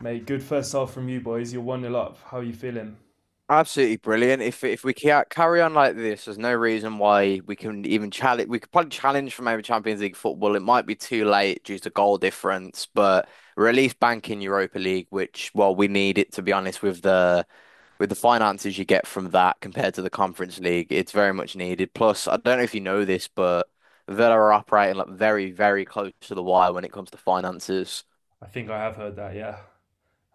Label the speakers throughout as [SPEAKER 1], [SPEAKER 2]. [SPEAKER 1] Mate, good first half from you boys. You're one nil up. How are you feeling?
[SPEAKER 2] Absolutely brilliant. If we carry on like this, there's no reason why we can even challenge. We could probably challenge for maybe Champions League football. It might be too late due to goal difference, but we're at least banking Europa League, which, well, we need it, to be honest, with the finances you get from that compared to the Conference League. It's very much needed. Plus, I don't know if you know this, but Villa are operating, like, very, very close to the wire when it comes to finances.
[SPEAKER 1] I think I have heard that. Yeah,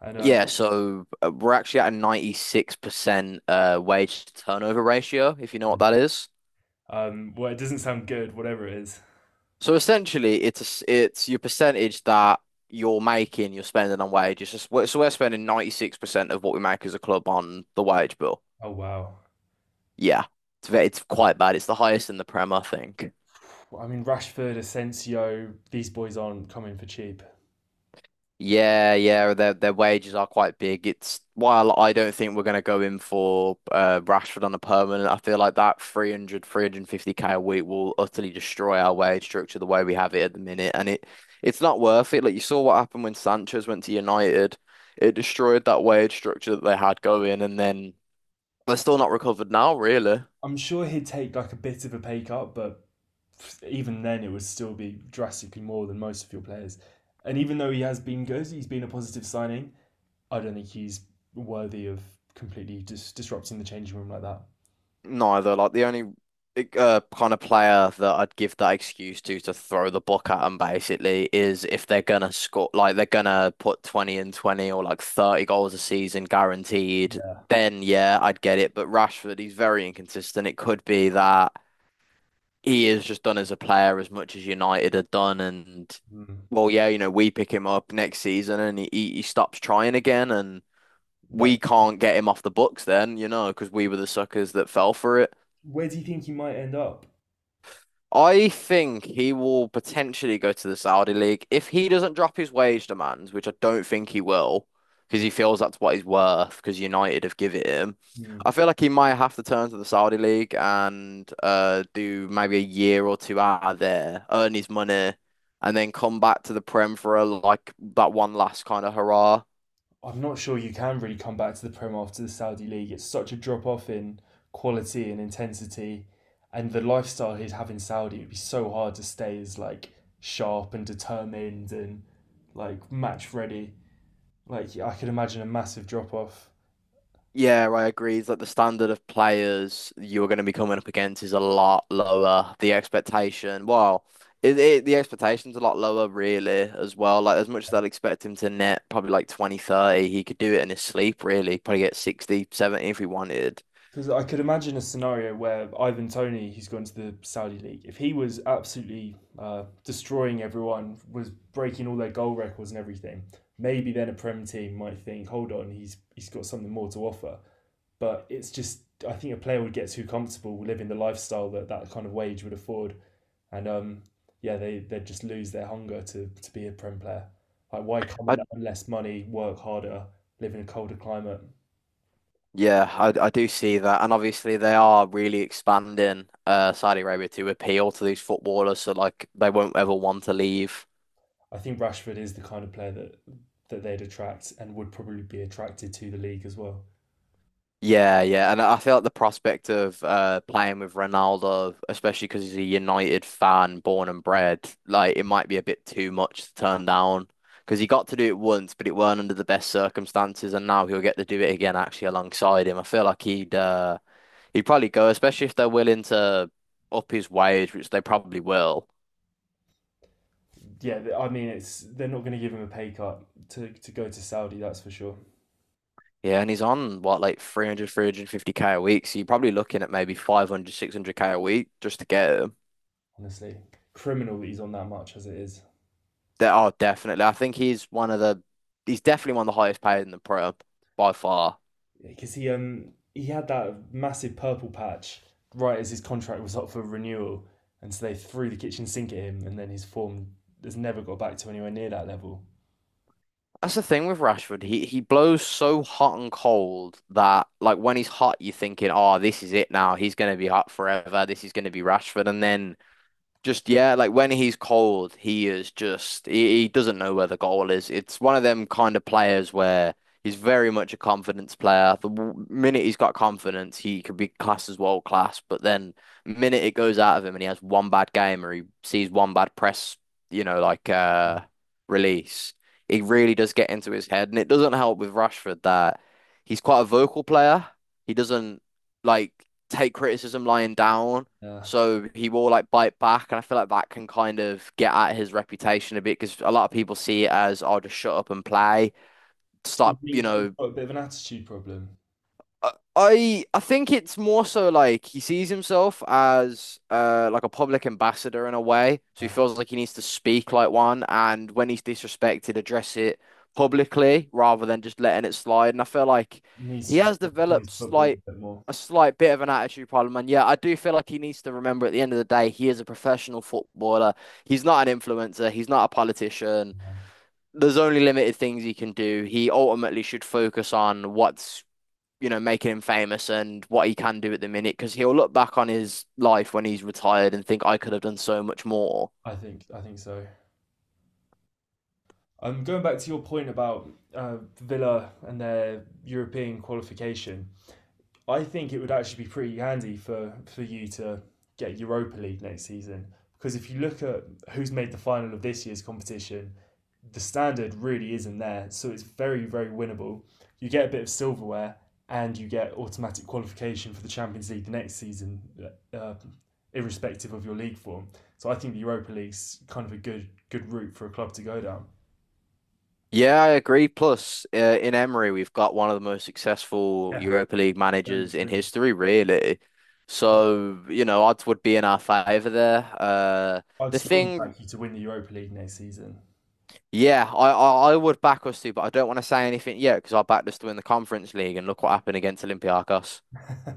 [SPEAKER 1] and um,
[SPEAKER 2] Yeah, so we're actually at a 96% wage to turnover ratio, if you know what that is.
[SPEAKER 1] um, well, it doesn't sound good. Whatever it is.
[SPEAKER 2] So essentially, it's a s it's your percentage that you're making, you're spending on wages. So we're spending 96% of what we make as a club on the wage bill.
[SPEAKER 1] Oh wow.
[SPEAKER 2] Yeah, it's quite bad. It's the highest in the Prem, I think.
[SPEAKER 1] I mean, Rashford, Asensio, these boys aren't coming for cheap.
[SPEAKER 2] Yeah, yeah, their wages are quite big. It's while I don't think we're going to go in for Rashford on a permanent. I feel like that 300, 350 k a week will utterly destroy our wage structure the way we have it at the minute, and it's not worth it. Like you saw what happened when Sanchez went to United, it destroyed that wage structure that they had going, and then they're still not recovered now, really.
[SPEAKER 1] I'm sure he'd take like a bit of a pay cut, but even then, it would still be drastically more than most of your players. And even though he has been good, he's been a positive signing. I don't think he's worthy of completely just disrupting the changing room like that.
[SPEAKER 2] Neither. Like the only kind of player that I'd give that excuse to throw the book at them basically is if they're gonna score, like they're gonna put 20 and 20 or like 30 goals a season guaranteed,
[SPEAKER 1] Yeah.
[SPEAKER 2] then yeah, I'd get it. But Rashford, he's very inconsistent. It could be that he is just done as a player as much as United had done and.
[SPEAKER 1] Mm.
[SPEAKER 2] Well, yeah, you know, we pick him up next season and he stops trying again, and
[SPEAKER 1] That
[SPEAKER 2] we can't get him off the books then, you know, because we were the suckers that fell for it.
[SPEAKER 1] Where do you think he might end up?
[SPEAKER 2] I think he will potentially go to the Saudi League if he doesn't drop his wage demands, which I don't think he will, because he feels that's what he's worth. Because United have given it him. I
[SPEAKER 1] Hmm.
[SPEAKER 2] feel like he might have to turn to the Saudi League and do maybe a year or two out of there, earn his money, and then come back to the Prem for a, like, that one last kind of hurrah.
[SPEAKER 1] I'm not sure you can really come back to the Prem after the Saudi League. It's such a drop off in quality and intensity, and the lifestyle he'd have in Saudi would be so hard to stay as like sharp and determined and like match ready. Like I could imagine a massive drop off.
[SPEAKER 2] Yeah, I agree. It's like the standard of players you're going to be coming up against is a lot lower. The expectation, well, the expectation's a lot lower, really, as well. Like, as much as I'd expect him to net probably like 20, 30, he could do it in his sleep, really. Probably get 60, 70 if he wanted.
[SPEAKER 1] Because I could imagine a scenario where Ivan Tony, who's gone to the Saudi League, if he was absolutely destroying everyone, was breaking all their goal records and everything, maybe then a Prem team might think, hold on, he's got something more to offer. But I think a player would get too comfortable living the lifestyle that kind of wage would afford. And Yeah, they'd just lose their hunger to be a Prem player. Like, why come
[SPEAKER 2] I
[SPEAKER 1] on, less money, work harder, live in a colder climate?
[SPEAKER 2] yeah, I do see that, and obviously they are really expanding Saudi Arabia to appeal to these footballers, so like they won't ever want to leave.
[SPEAKER 1] I think Rashford is the kind of player that they'd attract and would probably be attracted to the league as well.
[SPEAKER 2] Yeah, yeah, and I feel like the prospect of playing with Ronaldo, especially because he's a United fan, born and bred, like it might be a bit too much to turn down. Because he got to do it once, but it weren't under the best circumstances, and now he'll get to do it again actually alongside him. I feel like he'd probably go, especially if they're willing to up his wage, which they probably will.
[SPEAKER 1] Yeah, I mean, it's they're not going to give him a pay cut to go to Saudi. That's for sure.
[SPEAKER 2] Yeah, and he's on what, like, 300, 350 k a week, so you're probably looking at maybe 500, 600 k a week just to get him.
[SPEAKER 1] Honestly, criminal that he's on that much as it is
[SPEAKER 2] There are definitely. I think he's definitely one of the highest paid in the Prem by far.
[SPEAKER 1] because he had that massive purple patch right as his contract was up for renewal, and so they threw the kitchen sink at him, and then his form has never got back to anywhere near that level.
[SPEAKER 2] That's the thing with Rashford. He blows so hot and cold that, like, when he's hot, you're thinking, oh, this is it now. He's gonna be hot forever. This is gonna be Rashford, and then just, yeah, like when he's cold, he is just he doesn't know where the goal is. It's one of them kind of players where he's very much a confidence player. The minute he's got confidence, he could be classed as world class. But then minute it goes out of him and he has one bad game or he sees one bad press, you know, like release, it really does get into his head. And it doesn't help with Rashford that he's quite a vocal player. He doesn't, like, take criticism lying down,
[SPEAKER 1] Uh,
[SPEAKER 2] so he will, like, bite back, and I feel like that can kind of get at his reputation a bit because a lot of people see it as, oh, just shut up and play,
[SPEAKER 1] do you
[SPEAKER 2] stop, you
[SPEAKER 1] think he's
[SPEAKER 2] know.
[SPEAKER 1] got a bit of an attitude problem?
[SPEAKER 2] I think it's more so like he sees himself as like a public ambassador in a way, so he
[SPEAKER 1] Uh,
[SPEAKER 2] feels like he needs to speak like one, and when he's disrespected, address it publicly rather than just letting it slide. And I feel like
[SPEAKER 1] he needs
[SPEAKER 2] he
[SPEAKER 1] to just
[SPEAKER 2] has
[SPEAKER 1] focus on
[SPEAKER 2] developed
[SPEAKER 1] his football
[SPEAKER 2] slight
[SPEAKER 1] a bit more.
[SPEAKER 2] a slight bit of an attitude problem, and yeah, I do feel like he needs to remember at the end of the day, he is a professional footballer. He's not an influencer. He's not a politician. There's only limited things he can do. He ultimately should focus on what's, you know, making him famous and what he can do at the minute, because he'll look back on his life when he's retired and think I could have done so much more.
[SPEAKER 1] I think so. Going back to your point about Villa and their European qualification, I think it would actually be pretty handy for you to get Europa League next season because if you look at who's made the final of this year's competition, the standard really isn't there, so it's very, very winnable. You get a bit of silverware and you get automatic qualification for the Champions League the next season, uh, irrespective of your league form. So I think the Europa League's kind of a good route for a club to go down.
[SPEAKER 2] Yeah, I agree. Plus, in Emery, we've got one of the most successful
[SPEAKER 1] Yeah,
[SPEAKER 2] Europa League
[SPEAKER 1] very
[SPEAKER 2] managers in
[SPEAKER 1] true.
[SPEAKER 2] history, really.
[SPEAKER 1] Yeah.
[SPEAKER 2] So, you know, odds would be in our favor there.
[SPEAKER 1] I'd
[SPEAKER 2] The
[SPEAKER 1] strongly
[SPEAKER 2] thing,
[SPEAKER 1] back you to win the Europa League next season.
[SPEAKER 2] yeah, I would back us too, but I don't want to say anything yet because I backed us to win the Conference League and look what happened against Olympiacos.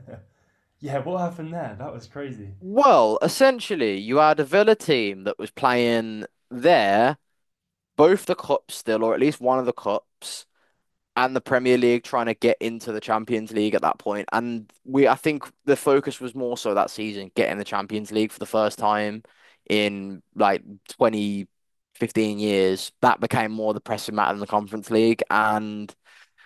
[SPEAKER 1] Yeah, what happened there? That was crazy.
[SPEAKER 2] Well, essentially, you had a Villa team that was playing there both the cups still, or at least one of the cups, and the Premier League trying to get into the Champions League at that point. And I think the focus was more so that season, getting the Champions League for the first time in like 20 15 years. That became more the pressing matter than the Conference League. And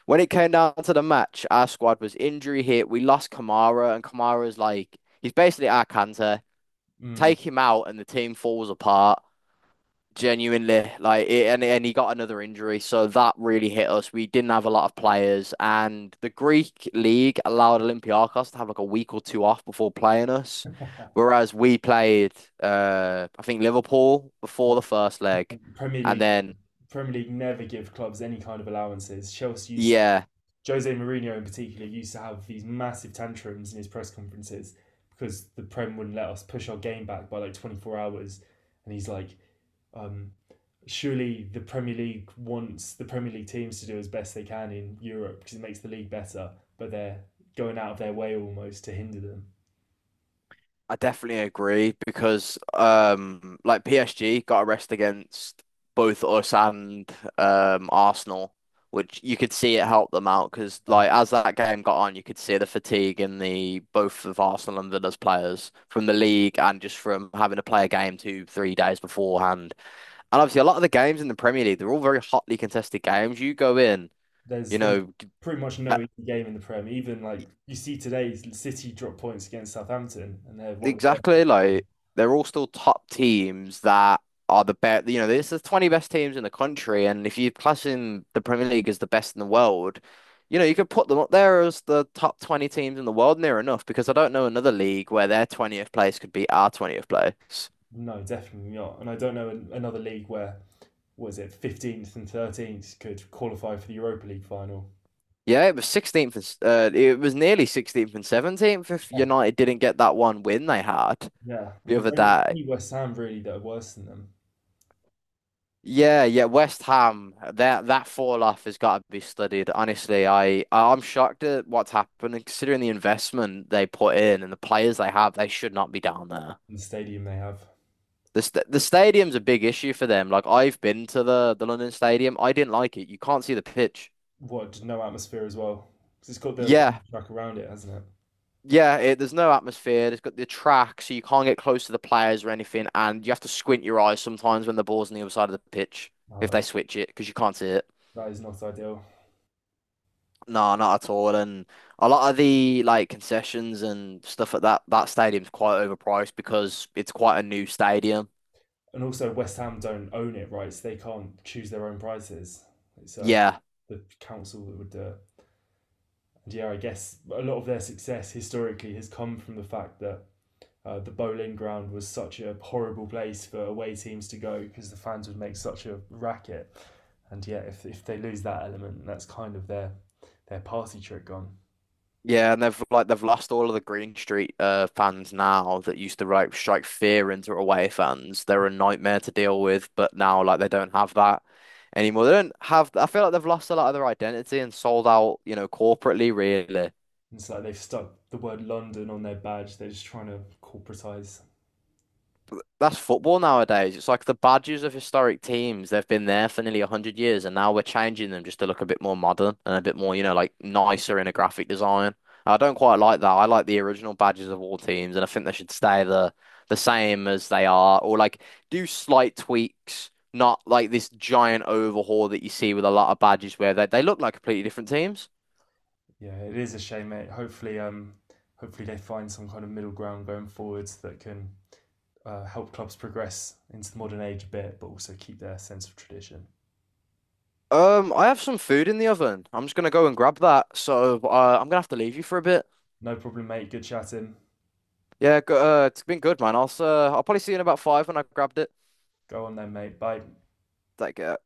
[SPEAKER 2] when it came down to the match, our squad was injury hit. We lost Kamara, and Kamara's like, he's basically our Kante.
[SPEAKER 1] Mm.
[SPEAKER 2] Take him out, and the team falls apart. Genuinely, like, it, and he got another injury, so that really hit us. We didn't have a lot of players, and the Greek league allowed Olympiacos to have like a week or two off before playing us, whereas we played, I think, Liverpool before the first leg,
[SPEAKER 1] Premier
[SPEAKER 2] and
[SPEAKER 1] League
[SPEAKER 2] then
[SPEAKER 1] Premier League never give clubs any kind of allowances. Chelsea used
[SPEAKER 2] yeah,
[SPEAKER 1] Jose Mourinho in particular used to have these massive tantrums in his press conferences because the Prem wouldn't let us push our game back by like 24 hours. And he's like, um, surely the Premier League wants the Premier League teams to do as best they can in Europe because it makes the league better, but they're going out of their way almost to hinder them.
[SPEAKER 2] I definitely agree because like PSG got a rest against both us and Arsenal, which you could see it helped them out because,
[SPEAKER 1] Yeah.
[SPEAKER 2] like, as that game got on, you could see the fatigue in the both of Arsenal and Villa's players from the league and just from having to play a game 2, 3 days beforehand. And obviously a lot of the games in the Premier League, they're all very hotly contested games. You go in, you
[SPEAKER 1] There's
[SPEAKER 2] know,
[SPEAKER 1] pretty much no easy game in the Prem. Even like you see today, City drop points against Southampton, and they're one of the worst.
[SPEAKER 2] exactly, like they're all still top teams that are the best. You know, this is the 20 best teams in the country, and if you class in the Premier League as the best in the world, you know, you could put them up there as the top 20 teams in the world near enough because I don't know another league where their 20th place could be our 20th place.
[SPEAKER 1] No, definitely not. And I don't know another league where was it 15th and 13th could qualify for the Europa League final.
[SPEAKER 2] Yeah, it was nearly 16th and 17th if
[SPEAKER 1] Yeah,
[SPEAKER 2] United didn't get that one win they had
[SPEAKER 1] yeah.
[SPEAKER 2] the other
[SPEAKER 1] It's
[SPEAKER 2] day.
[SPEAKER 1] only West Ham really that are worse than them
[SPEAKER 2] Yeah, yeah, West Ham, that fall off has got to be studied. Honestly, I'm shocked at what's happened and considering the investment they put in and the players they have, they should not be down there.
[SPEAKER 1] in the stadium they have.
[SPEAKER 2] The stadium's a big issue for them. Like I've been to the London Stadium, I didn't like it. You can't see the pitch.
[SPEAKER 1] What no atmosphere as well because it's got the
[SPEAKER 2] Yeah.
[SPEAKER 1] track around it, hasn't it?
[SPEAKER 2] Yeah, there's no atmosphere. It's got the track, so you can't get close to the players or anything, and you have to squint your eyes sometimes when the ball's on the other side of the pitch if
[SPEAKER 1] Oh,
[SPEAKER 2] they switch it because you can't see it.
[SPEAKER 1] that is not ideal.
[SPEAKER 2] No, not at all. And a lot of the, like, concessions and stuff at that stadium's quite overpriced because it's quite a new stadium.
[SPEAKER 1] And also West Ham don't own it, right? So they can't choose their own prices. It's
[SPEAKER 2] Yeah.
[SPEAKER 1] The council that would do it. And yeah, I guess a lot of their success historically has come from the fact that the bowling ground was such a horrible place for away teams to go because the fans would make such a racket. And yeah, if they lose that element, that's kind of their party trick gone.
[SPEAKER 2] Yeah, and they've like they've lost all of the Green Street fans now that used to, like, strike fear into away fans. They're a nightmare to deal with, but now, like, they don't have that anymore. They don't have, I feel like they've lost a lot of their identity and sold out, you know, corporately really.
[SPEAKER 1] It's like they've stuck the word London on their badge. They're just trying to corporatise.
[SPEAKER 2] That's football nowadays. It's like the badges of historic teams. They've been there for nearly 100 years, and now we're changing them just to look a bit more modern and a bit more, you know, like, nicer in a graphic design. I don't quite like that. I like the original badges of all teams, and I think they should stay the same as they are, or like do slight tweaks, not like this giant overhaul that you see with a lot of badges where they look like completely different teams.
[SPEAKER 1] Yeah, it is a shame, mate. Hopefully they find some kind of middle ground going forwards that can help clubs progress into the modern age a bit, but also keep their sense of tradition.
[SPEAKER 2] I have some food in the oven. I'm just gonna go and grab that. So, I'm gonna have to leave you for a bit.
[SPEAKER 1] No problem, mate. Good chatting.
[SPEAKER 2] Yeah, go, it's been good, man. I'll probably see you in about five when I grabbed it.
[SPEAKER 1] Go on then, mate. Bye.
[SPEAKER 2] Like, uh,